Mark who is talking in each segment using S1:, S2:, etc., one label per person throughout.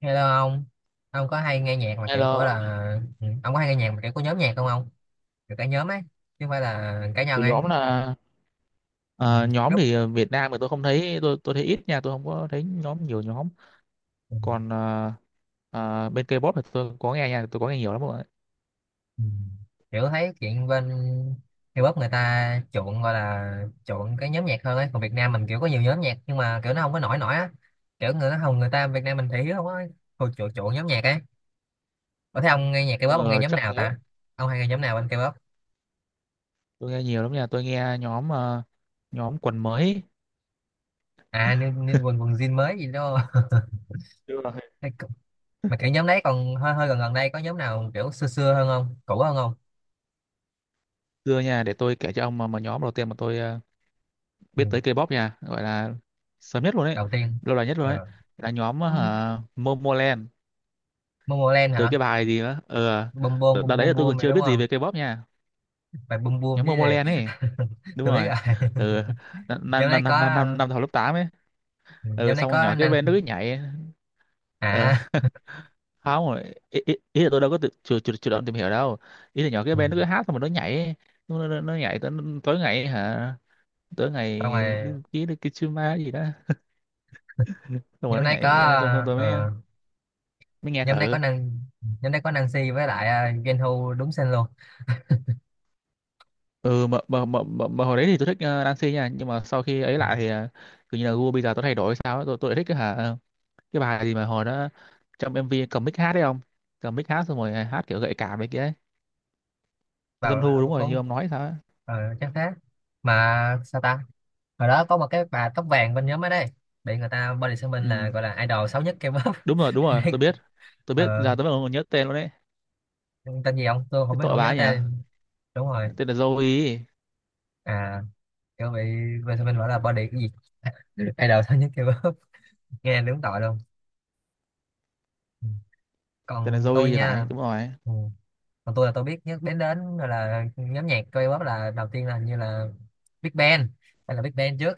S1: Hello ông có hay nghe nhạc mà
S2: Hay
S1: kiểu
S2: là
S1: của là ông có hay nghe nhạc mà kiểu của nhóm nhạc không ông? Kiểu cả nhóm ấy, chứ không phải là cá
S2: của
S1: nhân ấy.
S2: nhóm là
S1: Ừ.
S2: ờ, nhóm
S1: Group.
S2: thì, Việt Nam thì tôi không thấy, tôi thấy ít nha, tôi không có thấy nhóm, nhiều nhóm.
S1: Ừ.
S2: Còn bên K-pop thì tôi có nghe nha, tôi có nghe nhiều lắm rồi.
S1: Ừ. Kiểu thấy chuyện bên K-pop người ta chuộng gọi là chuộng cái nhóm nhạc hơn ấy, còn Việt Nam mình kiểu có nhiều nhóm nhạc nhưng mà kiểu nó không có nổi nổi á. Kiểu người nó không người ta Việt Nam mình thì hiếu không á, hồi chuộng chuộng nhóm nhạc ấy. Có thấy ông nghe nhạc K-pop ông nghe
S2: Ờ,
S1: nhóm
S2: chắc
S1: nào
S2: thế.
S1: ta? Ông hay nghe nhóm nào bên K-pop?
S2: Tôi nghe nhiều lắm nha, tôi nghe nhóm, nhóm quần mới.
S1: À, như quần quần jean mới gì đó.
S2: Chưa là hết.
S1: Mà cái nhóm đấy còn hơi hơi gần gần đây, có nhóm nào kiểu xưa xưa hơn không, cũ hơn không?
S2: Xưa nha, để tôi kể cho ông, mà nhóm đầu tiên mà tôi
S1: Ừ.
S2: biết tới K-pop nha, gọi là sớm nhất luôn đấy,
S1: Đầu tiên.
S2: lâu đời nhất luôn đấy,
S1: Ờ.
S2: là nhóm
S1: Ừ.
S2: Momoland.
S1: Momoland
S2: Từ
S1: hả?
S2: cái bài gì đó
S1: Bum bum
S2: đợt đợt
S1: bum
S2: đấy là
S1: bum
S2: tôi
S1: bum
S2: còn
S1: này
S2: chưa
S1: đúng
S2: biết gì
S1: không,
S2: về K-pop nha.
S1: phải bum bum
S2: Nhóm
S1: chứ
S2: Momoland
S1: gì?
S2: ấy. Đúng
S1: Tôi biết
S2: rồi.
S1: rồi.
S2: Ừ.
S1: nhóm
S2: năm năm
S1: đấy
S2: năm
S1: có
S2: năm năm năm học lớp 8 ấy. Ừ,
S1: nhóm đấy
S2: xong rồi
S1: có
S2: nhỏ cái
S1: năng.
S2: bên nó cứ nhảy.
S1: À.
S2: Ờ. Không rồi, ý là tôi đâu có chủ động tìm hiểu đâu. Ý là nhỏ cái
S1: Ừ.
S2: bên nó cứ hát, xong rồi nó nhảy. Nó nhảy tới tối ngày hả, tối ngày.
S1: Xong
S2: cái
S1: rồi
S2: cái cái Kitsuma gì đó, xong rồi
S1: nhóm
S2: nó
S1: đấy có
S2: nhảy. Xong xong, tôi mới
S1: ờ,
S2: mới nghe
S1: nhóm đấy có
S2: thử.
S1: năng, nhóm đấy có Nancy với lại Genhu đúng tên luôn.
S2: Ừ, mà hồi đấy thì tôi thích Nancy nha, nhưng mà sau khi ấy lại thì, kiểu như là gu bây giờ tôi thay đổi sao ấy, tôi lại thích cái hả, cái bài gì mà hồi đó trong MV cầm mic hát đấy không, cầm mic hát xong rồi, à, hát kiểu gợi cảm đấy kia ấy. Dân
S1: Vào
S2: thu
S1: ờ,
S2: đúng rồi như
S1: cũng
S2: ông nói sao ấy.
S1: ờ, chắc thế. Mà sao ta, hồi đó có một cái bà tóc vàng bên nhóm ở đây bị người ta body shaming, là
S2: Ừ.
S1: gọi là idol xấu nhất K-pop.
S2: Đúng rồi, đúng rồi, tôi biết. Tôi biết,
S1: Ờ,
S2: giờ tôi mới nhớ tên luôn đấy.
S1: tên gì không tôi không
S2: Cái
S1: biết,
S2: tội
S1: không
S2: bà
S1: nhớ
S2: ấy nhỉ.
S1: tên. Đúng rồi.
S2: Tên là Zoe.
S1: À, kiểu bị body shaming, gọi là body cái gì. Idol xấu nhất K-pop. Nghe đúng tội luôn. Ừ.
S2: Tên là
S1: Còn
S2: Zoe
S1: tôi
S2: thì phải,
S1: nha.
S2: đúng rồi.
S1: Ừ. Còn tôi là tôi biết nhất đến đến gọi là nhóm nhạc K-pop là đầu tiên là hình như là Big Bang, hay là Big Bang trước.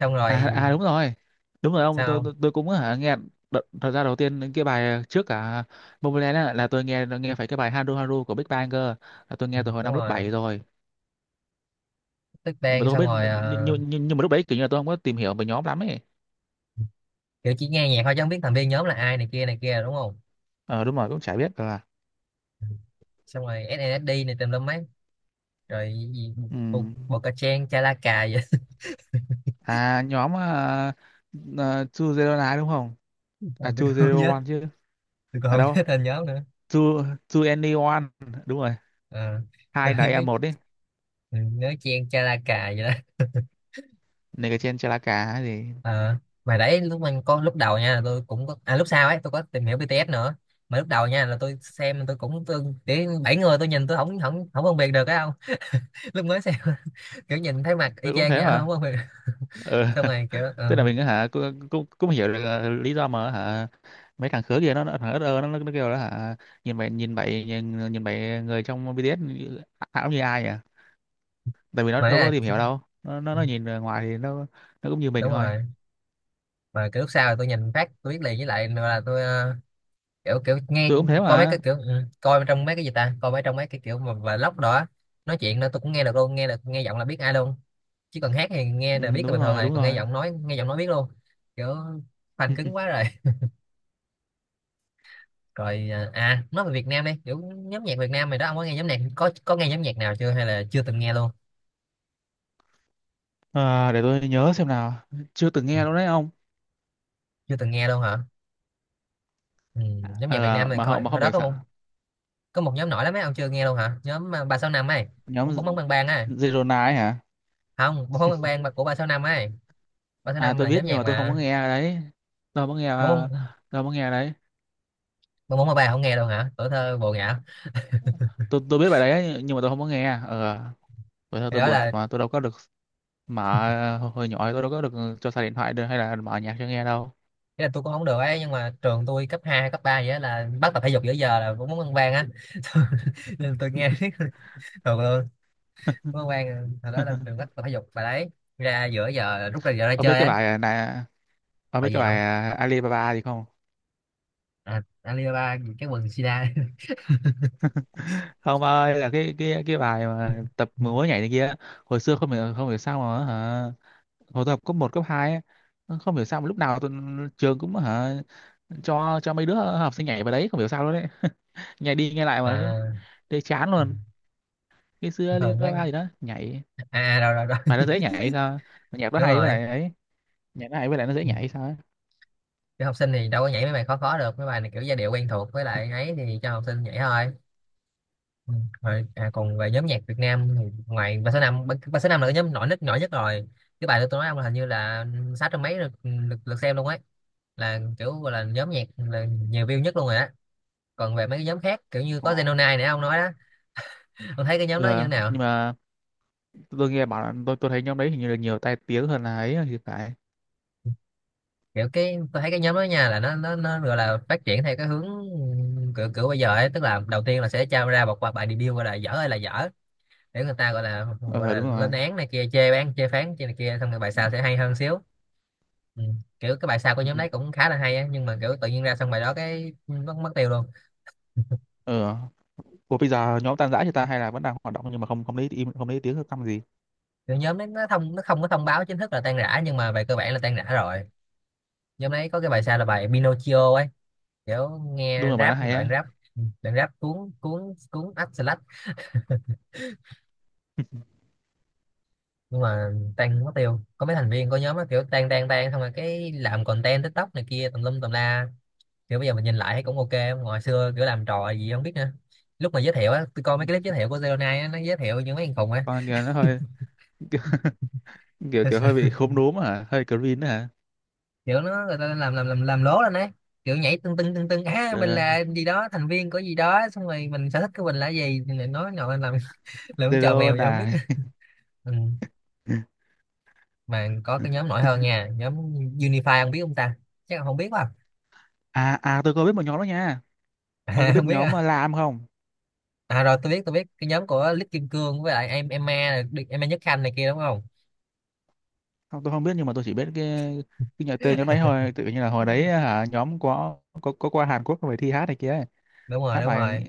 S1: Xong
S2: à
S1: rồi
S2: à đúng rồi, đúng rồi ông, tôi
S1: sao không?
S2: tôi, tôi cũng hả nghe. Đợt, thật ra đầu tiên những cái bài trước cả Momoland á, là tôi nghe nghe phải cái bài Haru Haru của Big Bang cơ. Là tôi nghe từ hồi
S1: Đúng
S2: năm lớp
S1: rồi,
S2: 7 rồi.
S1: Big
S2: Nhưng mà
S1: Bang.
S2: tôi không
S1: Xong
S2: biết,
S1: rồi
S2: nhưng,
S1: ờ,
S2: nhưng, nhưng mà lúc đấy kiểu như là tôi không có tìm hiểu về nhóm lắm ấy.
S1: kiểu chỉ nghe nhạc thôi chứ không biết thành viên nhóm là ai này kia đúng không.
S2: Ờ đúng rồi, cũng chả biết là.
S1: Xong rồi SNSD này tùm lum mấy rồi gì,
S2: Ừ.
S1: bộ, bộ cà chen cha la cà vậy.
S2: À nhóm à, Chu Zero Nine đúng không? À
S1: À, tôi
S2: Chu
S1: còn không
S2: Zero
S1: nhớ,
S2: One chứ.
S1: tôi còn
S2: À
S1: không
S2: đâu?
S1: nhớ tên nhóm nữa.
S2: Chu Chu Any, đúng rồi.
S1: Ờ, tôi
S2: Hai
S1: nhớ
S2: đấy à một đấy.
S1: ừ, nhớ chen cha la cà vậy đó.
S2: Này cái trên Chalaka hay gì.
S1: Ờ, mà đấy lúc mình có lúc đầu nha là tôi cũng có, à lúc sau ấy tôi có tìm hiểu BTS nữa, mà lúc đầu nha là tôi xem tôi cũng tôi để 7 người tôi nhìn tôi không không không phân biệt được á, không. Lúc mới xem kiểu nhìn thấy mặt y
S2: Tôi cũng
S1: chang
S2: thế
S1: nha. Không
S2: mà.
S1: phân biệt được.
S2: Ừ.
S1: Xong rồi kiểu
S2: Tức là mình á hả cũng cũng, cũng hiểu được lý do mà hả mấy thằng khứa kia nó thằng ớt, nó kêu đó hả, nhìn bảy người trong BTS như- ảo như ai nhỉ? Tại vì nó
S1: mà ấy
S2: đâu có tìm
S1: là
S2: hiểu đâu. Nó nó
S1: ừ,
S2: nó nhìn ở ngoài thì nó cũng như mình
S1: đúng
S2: thôi.
S1: rồi. Mà cái lúc sau thì tôi nhìn phát tôi biết liền, với lại là tôi ờ, kiểu kiểu nghe,
S2: Tôi cũng thế
S1: coi mấy cái
S2: mà.
S1: kiểu ừ, coi trong mấy cái gì ta, coi mấy trong mấy cái kiểu mà vlog đó á, nói chuyện đó tôi cũng nghe được luôn, nghe được nghe giọng là biết ai luôn. Chứ còn hát thì nghe
S2: Ừ,
S1: là biết là
S2: đúng
S1: bình thường
S2: rồi,
S1: rồi,
S2: đúng
S1: còn nghe
S2: rồi.
S1: giọng nói, nghe giọng nói biết luôn. Kiểu fan
S2: Ừ.
S1: cứng quá rồi. Rồi à à, nói về Việt Nam đi, kiểu nhóm nhạc Việt Nam mày đó, ông có nghe nhóm nhạc, có nghe nhóm nhạc nào chưa hay là chưa từng nghe luôn?
S2: À, để tôi nhớ xem nào. Chưa từng
S1: Ừ,
S2: nghe đâu đấy ông.
S1: chưa từng nghe luôn hả? Ừ, nhóm nhạc Việt Nam
S2: À,
S1: này
S2: mà họ
S1: coi
S2: mà
S1: hồi
S2: không
S1: đó
S2: biết
S1: có một,
S2: sao.
S1: có một nhóm nổi lắm ấy, ông chưa nghe luôn hả, nhóm à, ba sáu năm ấy,
S2: Nhóm
S1: ông bóng bóng
S2: Z-
S1: bang bang ấy.
S2: Zerona ấy hả?
S1: Không, bóng bóng bang bang mà của ba sáu năm ấy, ba sáu
S2: À
S1: năm
S2: tôi
S1: là
S2: biết
S1: nhóm
S2: nhưng mà
S1: nhạc
S2: tôi không có
S1: mà.
S2: nghe đấy. Tôi không có nghe
S1: bốn
S2: tôi không có nghe đấy.
S1: bốn bốn ba không nghe đâu hả, tuổi thơ bồ ngã.
S2: Tôi biết bài đấy ấy, nhưng mà tôi không có nghe. Ờ, vậy thôi
S1: Thì
S2: tôi
S1: đó
S2: buồn
S1: là,
S2: thật mà tôi đâu có được mở. Hồi nhỏ tôi đâu có được cho xài điện thoại được hay là mở nhạc cho nghe đâu.
S1: cái là tôi cũng không được ấy, nhưng mà trường tôi cấp 2 cấp 3 vậy á là bắt tập thể dục giữa giờ là bốn môn ăn vang á. Nên tôi nghe thường luôn. Bốn môn ăn vang hồi đó là trường bắt tập thể dục bài đấy, ra giữa giờ là rút ra giờ ra
S2: Ông biết
S1: chơi
S2: cái
S1: ấy.
S2: bài này, ông biết
S1: Bài gì
S2: cái bài
S1: không?
S2: Alibaba gì không?
S1: À, Alibaba cái quần sida.
S2: Không ba ơi, là cái bài mà tập múa nhảy này kia. Hồi xưa không hiểu sao mà hả, hồi tập cấp một cấp hai ấy, nó không hiểu sao mà lúc nào tụi, trường cũng hả cho mấy đứa học sinh nhảy vào đấy không hiểu sao luôn đấy. Nhảy đi nhảy lại mà đấy,
S1: À,
S2: đấy chán luôn. Cái xưa
S1: thường mấy,
S2: Alibaba gì đó nhảy,
S1: à rồi rồi rồi.
S2: mà nó dễ nhảy hay sao. Mà nhạc nó
S1: Đúng
S2: hay với
S1: rồi.
S2: lại ấy, nhạc nó hay với lại nó dễ nhảy hay sao ấy.
S1: Cái học sinh thì đâu có nhảy mấy bài khó khó được, mấy bài này kiểu giai điệu quen thuộc với lại ấy thì cho học sinh nhảy thôi. Ừ. Rồi, à, còn về nhóm nhạc Việt Nam thì ngoài ba số năm, ba ba số năm là cái nhóm nổi nhất, nổi nhất rồi. Cái bài đó tôi nói ông là hình như là 600 mấy lượt, lượt, lượt xem luôn ấy. Là kiểu gọi là nhóm nhạc là nhiều view nhất luôn rồi á. Còn về mấy cái nhóm khác kiểu như
S2: Ờ,
S1: có Zenonai nãy ông nói đó, ông thấy cái nhóm
S2: ừ,
S1: đó như thế nào?
S2: nhưng mà tôi nghe bảo là, tôi thấy nhóm đấy hình như là nhiều tai tiếng hơn là ấy thì phải.
S1: Kiểu cái tôi thấy cái nhóm đó nha là nó gọi là phát triển theo cái hướng kiểu kiểu bây giờ ấy, tức là đầu tiên là sẽ trao ra một bài, bài debut gọi là dở, hay là dở, để người ta gọi là, gọi
S2: Ờ
S1: là
S2: đúng
S1: lên
S2: rồi
S1: án này kia, chê bán chê phán chê này kia, xong rồi bài sau sẽ hay hơn xíu. Ừ. Kiểu cái bài sau của
S2: Ừ.
S1: nhóm đấy cũng khá là hay á, nhưng mà kiểu tự nhiên ra xong bài đó cái mất mất tiêu luôn.
S2: Ừ. Ủa bây giờ nhóm tan rã thì ta hay là vẫn đang hoạt động nhưng mà không không lấy im, không lấy tiếng, không căm gì?
S1: Kiểu nhóm đấy nó thông, nó không có thông báo chính thức là tan rã nhưng mà về cơ bản là tan rã rồi. Nhóm đấy có cái bài sau là bài Pinocchio ấy, kiểu
S2: Đúng
S1: nghe
S2: là bài nó
S1: rap
S2: hay
S1: đoạn
S2: á.
S1: rap. Ừ, đoạn rap cuốn cuốn cuốn ách slash. Nhưng mà tan mất tiêu, có mấy thành viên của nhóm đó kiểu tan tan tan xong rồi cái làm content TikTok này kia tùm lum tùm la. Kiểu bây giờ mình nhìn lại thấy cũng OK, hồi xưa kiểu làm trò gì không biết nữa. Lúc mà giới thiệu á, tôi coi mấy cái clip giới thiệu của Zero Nine á, nó giới thiệu những mấy thằng khùng á.
S2: Con kia nó hơi, kiểu, kiểu hơi bị khốm đốm hả, hơi green đó hả.
S1: Kiểu nó người ta làm lố lên ấy, kiểu nhảy tưng tưng tưng tưng á, mình
S2: Ờ,
S1: là gì đó, thành viên của gì đó, xong rồi mình sở thích của mình là gì thì lại nói nội làm. Làm chờ
S2: zero
S1: mèo vậy không biết.
S2: này.
S1: Ừ. Mà có cái nhóm nổi hơn nha, nhóm Unify không biết không ta, chắc là không biết quá.
S2: À, tôi có biết một nhóm đó nha. Ông có
S1: À,
S2: biết
S1: không biết
S2: nhóm
S1: à.
S2: lam không?
S1: À rồi, tôi biết, tôi biết cái nhóm của Lít Kim Cương với lại em Emma này, đi- Emma Nhất Khanh này kia đúng không?
S2: Không tôi không biết nhưng mà tôi chỉ biết cái nhà tên nhóm đấy thôi, tự nhiên là hồi đấy hả nhóm có qua Hàn Quốc về thi hát này kia.
S1: Đúng rồi,
S2: Hát
S1: đúng
S2: bài,
S1: rồi.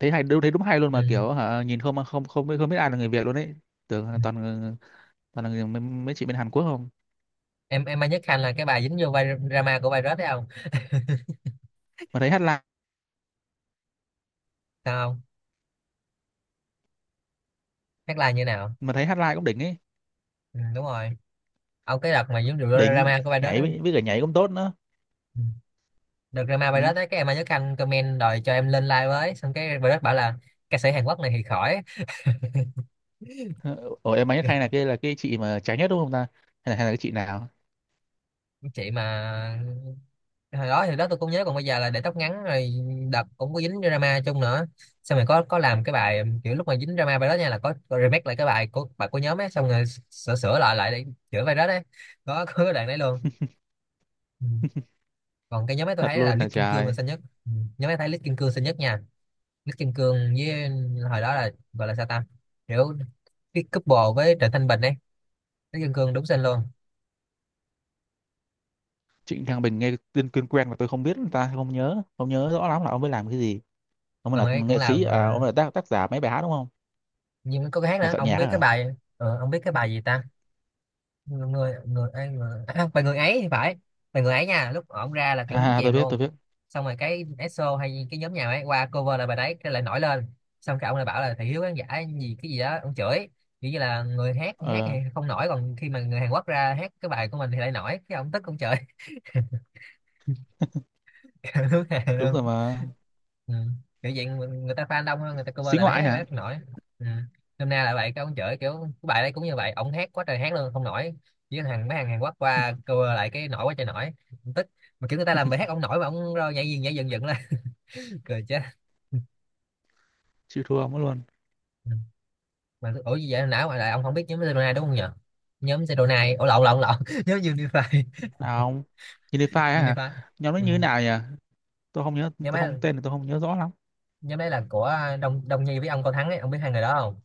S2: thấy hay, đúng thấy đúng hay luôn
S1: Ừ.
S2: mà kiểu hả, nhìn không không không biết, không biết ai là người Việt luôn đấy. Tưởng là toàn, toàn là người, mấy chị bên Hàn Quốc không.
S1: Em Emma Nhất Khanh là cái bà dính vô vai drama của virus đấy không?
S2: Mà thấy hát live,
S1: Sao không? Hát live như nào?
S2: mà thấy hát live cũng đỉnh ấy.
S1: Ừ, đúng rồi. Ông cái đợt mà giống rượu
S2: Đỉnh.
S1: drama của Virus
S2: Nhảy
S1: đó.
S2: với cả nhảy cũng tốt nữa.
S1: Ừ. Đợt drama
S2: Ừ.
S1: Virus đó cái em Nhớ Khanh comment đòi cho em lên live với, xong cái Virus bảo là ca sĩ Hàn Quốc này thì khỏi.
S2: Ủa em ấy hay là kia là cái chị mà trái nhất đúng không ta, hay là cái chị nào.
S1: Chị mà hồi đó thì đó tôi cũng nhớ, còn bây giờ là để tóc ngắn rồi. Đợt cũng có dính drama chung nữa, xong rồi có làm cái bài kiểu lúc mà dính drama Virus nha là có remake lại cái bài của, bài của nhóm ấy, xong rồi sửa sửa lại lại để chữa Virus đấy. Có cái đoạn đấy luôn. Ừ. Còn cái nhóm ấy tôi
S2: Thật
S1: thấy là
S2: luôn là
S1: Lít Kim Cương là
S2: trời.
S1: xinh nhất. Ừ. Nhóm ấy thấy Lít Kim Cương xinh nhất nha, Nước Kim Cương với hồi đó là gọi là sao ta, kiểu cái couple với Trịnh Thanh Bình ấy. Nước Kim Cương đúng xinh luôn.
S2: Trịnh Thăng Bình nghe tên quen quen mà tôi không biết ta, không nhớ rõ lắm là ông ấy làm cái gì. Ông ấy
S1: Ông
S2: là
S1: ấy cũng
S2: nghệ sĩ
S1: làm
S2: à, ông
S1: ờ,
S2: ấy là tác giả mấy bài hát đúng không?
S1: nhưng có cái hát
S2: Nhà
S1: nữa,
S2: soạn
S1: ông
S2: nhạc
S1: biết cái
S2: hả?
S1: bài ờ, ông biết cái bài gì ta, người người người, ai- người à, không, bài Người Ấy thì phải. Bài Người Ấy nha, lúc ổng ra là kiểu đúng
S2: À, tôi
S1: chèm
S2: biết
S1: luôn.
S2: tôi biết
S1: Xong rồi cái ESO hay cái nhóm nhà ấy qua cover là bài đấy, cái lại nổi lên. Xong cái ông lại bảo là thị hiếu khán giả gì cái gì đó ông chửi. Kiểu như là người hát hát thì
S2: Ờ
S1: không nổi, còn khi mà người Hàn Quốc ra hát cái bài của mình thì lại nổi, cái ông tức ông chửi. Kiểu đúng hàng
S2: đúng
S1: luôn.
S2: rồi mà.
S1: Ừ. Kiểu dạng người, người ta fan đông hơn, người ta cover
S2: Xí
S1: lại bài hát
S2: ngoại
S1: ấy, bài
S2: hả.
S1: hát không nổi. Ừ. Hôm nay lại vậy cái ông chửi kiểu cái bài đấy cũng như vậy, ông hát quá trời hát luôn không nổi, chỉ có thằng, mấy thằng Hàn Quốc qua cover lại cái nổi quá trời nổi. Ông tức. Mà kiểu người ta làm bài hát ông nổi mà ông rơi nhảy dựng dựng lên. Cười chết.
S2: Chịu thua ông ấy luôn.
S1: Ừ. Mà ủa gì vậy, não mà lại ông không biết nhóm Sedona đúng không nhỉ? Nhóm Sedona, ủa lộn lộn lộn. Nhóm Unify.
S2: Nào không. Unify á hả?
S1: Unify.
S2: Nhóm nó
S1: Ừ.
S2: như thế nào nhỉ? Tôi không nhớ,
S1: Nhóm
S2: tôi không,
S1: ấy,
S2: tên thì tôi không nhớ rõ lắm.
S1: nhóm đấy là của Đông Đông Nhi với ông Cao Thắng ấy, ông biết hai người đó không?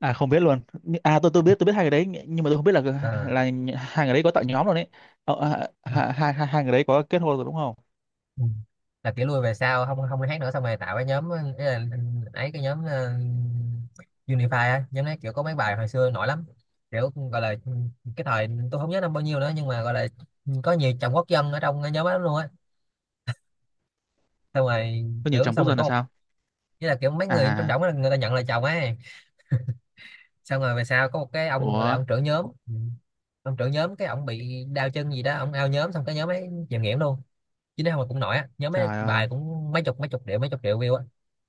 S2: À không biết luôn. Nh- à tôi biết hai người đấy, nh- nhưng mà tôi không biết
S1: Ờ.
S2: là nh- hai người đấy có tạo nhóm rồi đấy. À,
S1: Ừ.
S2: hai, hai, hai hai người đấy có kết hôn rồi đúng không?
S1: Ừ. Là kiểu lui về sau không không đi hát nữa xong rồi tạo cái nhóm ấy, là, ấy cái nhóm ờ, Unify á, nhóm đấy kiểu có mấy bài hồi xưa nổi lắm. Kiểu gọi là cái thời tôi không nhớ năm bao nhiêu nữa, nhưng mà gọi là có nhiều chồng quốc dân ở trong cái nhóm đó luôn á. Xong rồi
S2: Có nhiều
S1: kiểu
S2: chồng quốc
S1: xong rồi
S2: dân
S1: có
S2: là
S1: một
S2: sao?
S1: với là kiểu mấy người trong
S2: À.
S1: đảng đó, người ta nhận là chồng ấy. Xong rồi về sau có một cái ông gọi là
S2: Ủa.
S1: ông trưởng nhóm. Ừ. Ông trưởng nhóm cái ông bị đau chân gì đó, ông ao nhóm xong cái nhóm ấy chìm nghỉm luôn. Chứ nếu không cũng nổi á, nhóm mấy
S2: Trời ơi.
S1: bài cũng mấy chục triệu, mấy chục triệu view á.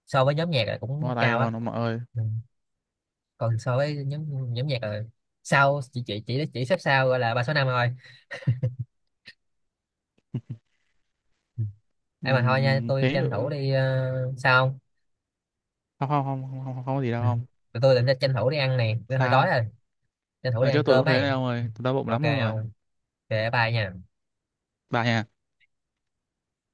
S1: So với nhóm nhạc là cũng
S2: Bó tay
S1: cao á.
S2: luôn ông nội ơi.
S1: Ừ. Còn so với nhóm, nhóm nhạc là sau chỉ xếp sau gọi là ba số năm thôi. Ừ. Em mà thôi nha, tôi
S2: Thế.
S1: tranh thủ đi ờ, sao không?
S2: Không không không không không, không có gì đâu,
S1: Ừ.
S2: không
S1: Tụi tôi định tranh thủ đi ăn nè, tôi hơi đói
S2: sao.
S1: rồi. Tranh thủ đi
S2: Ở chỗ
S1: ăn
S2: tôi cũng
S1: cơm
S2: thế
S1: ấy.
S2: đấy ông ơi, tôi đau bụng
S1: OK
S2: lắm luôn rồi.
S1: không? Về bye nha.
S2: Bà nhà.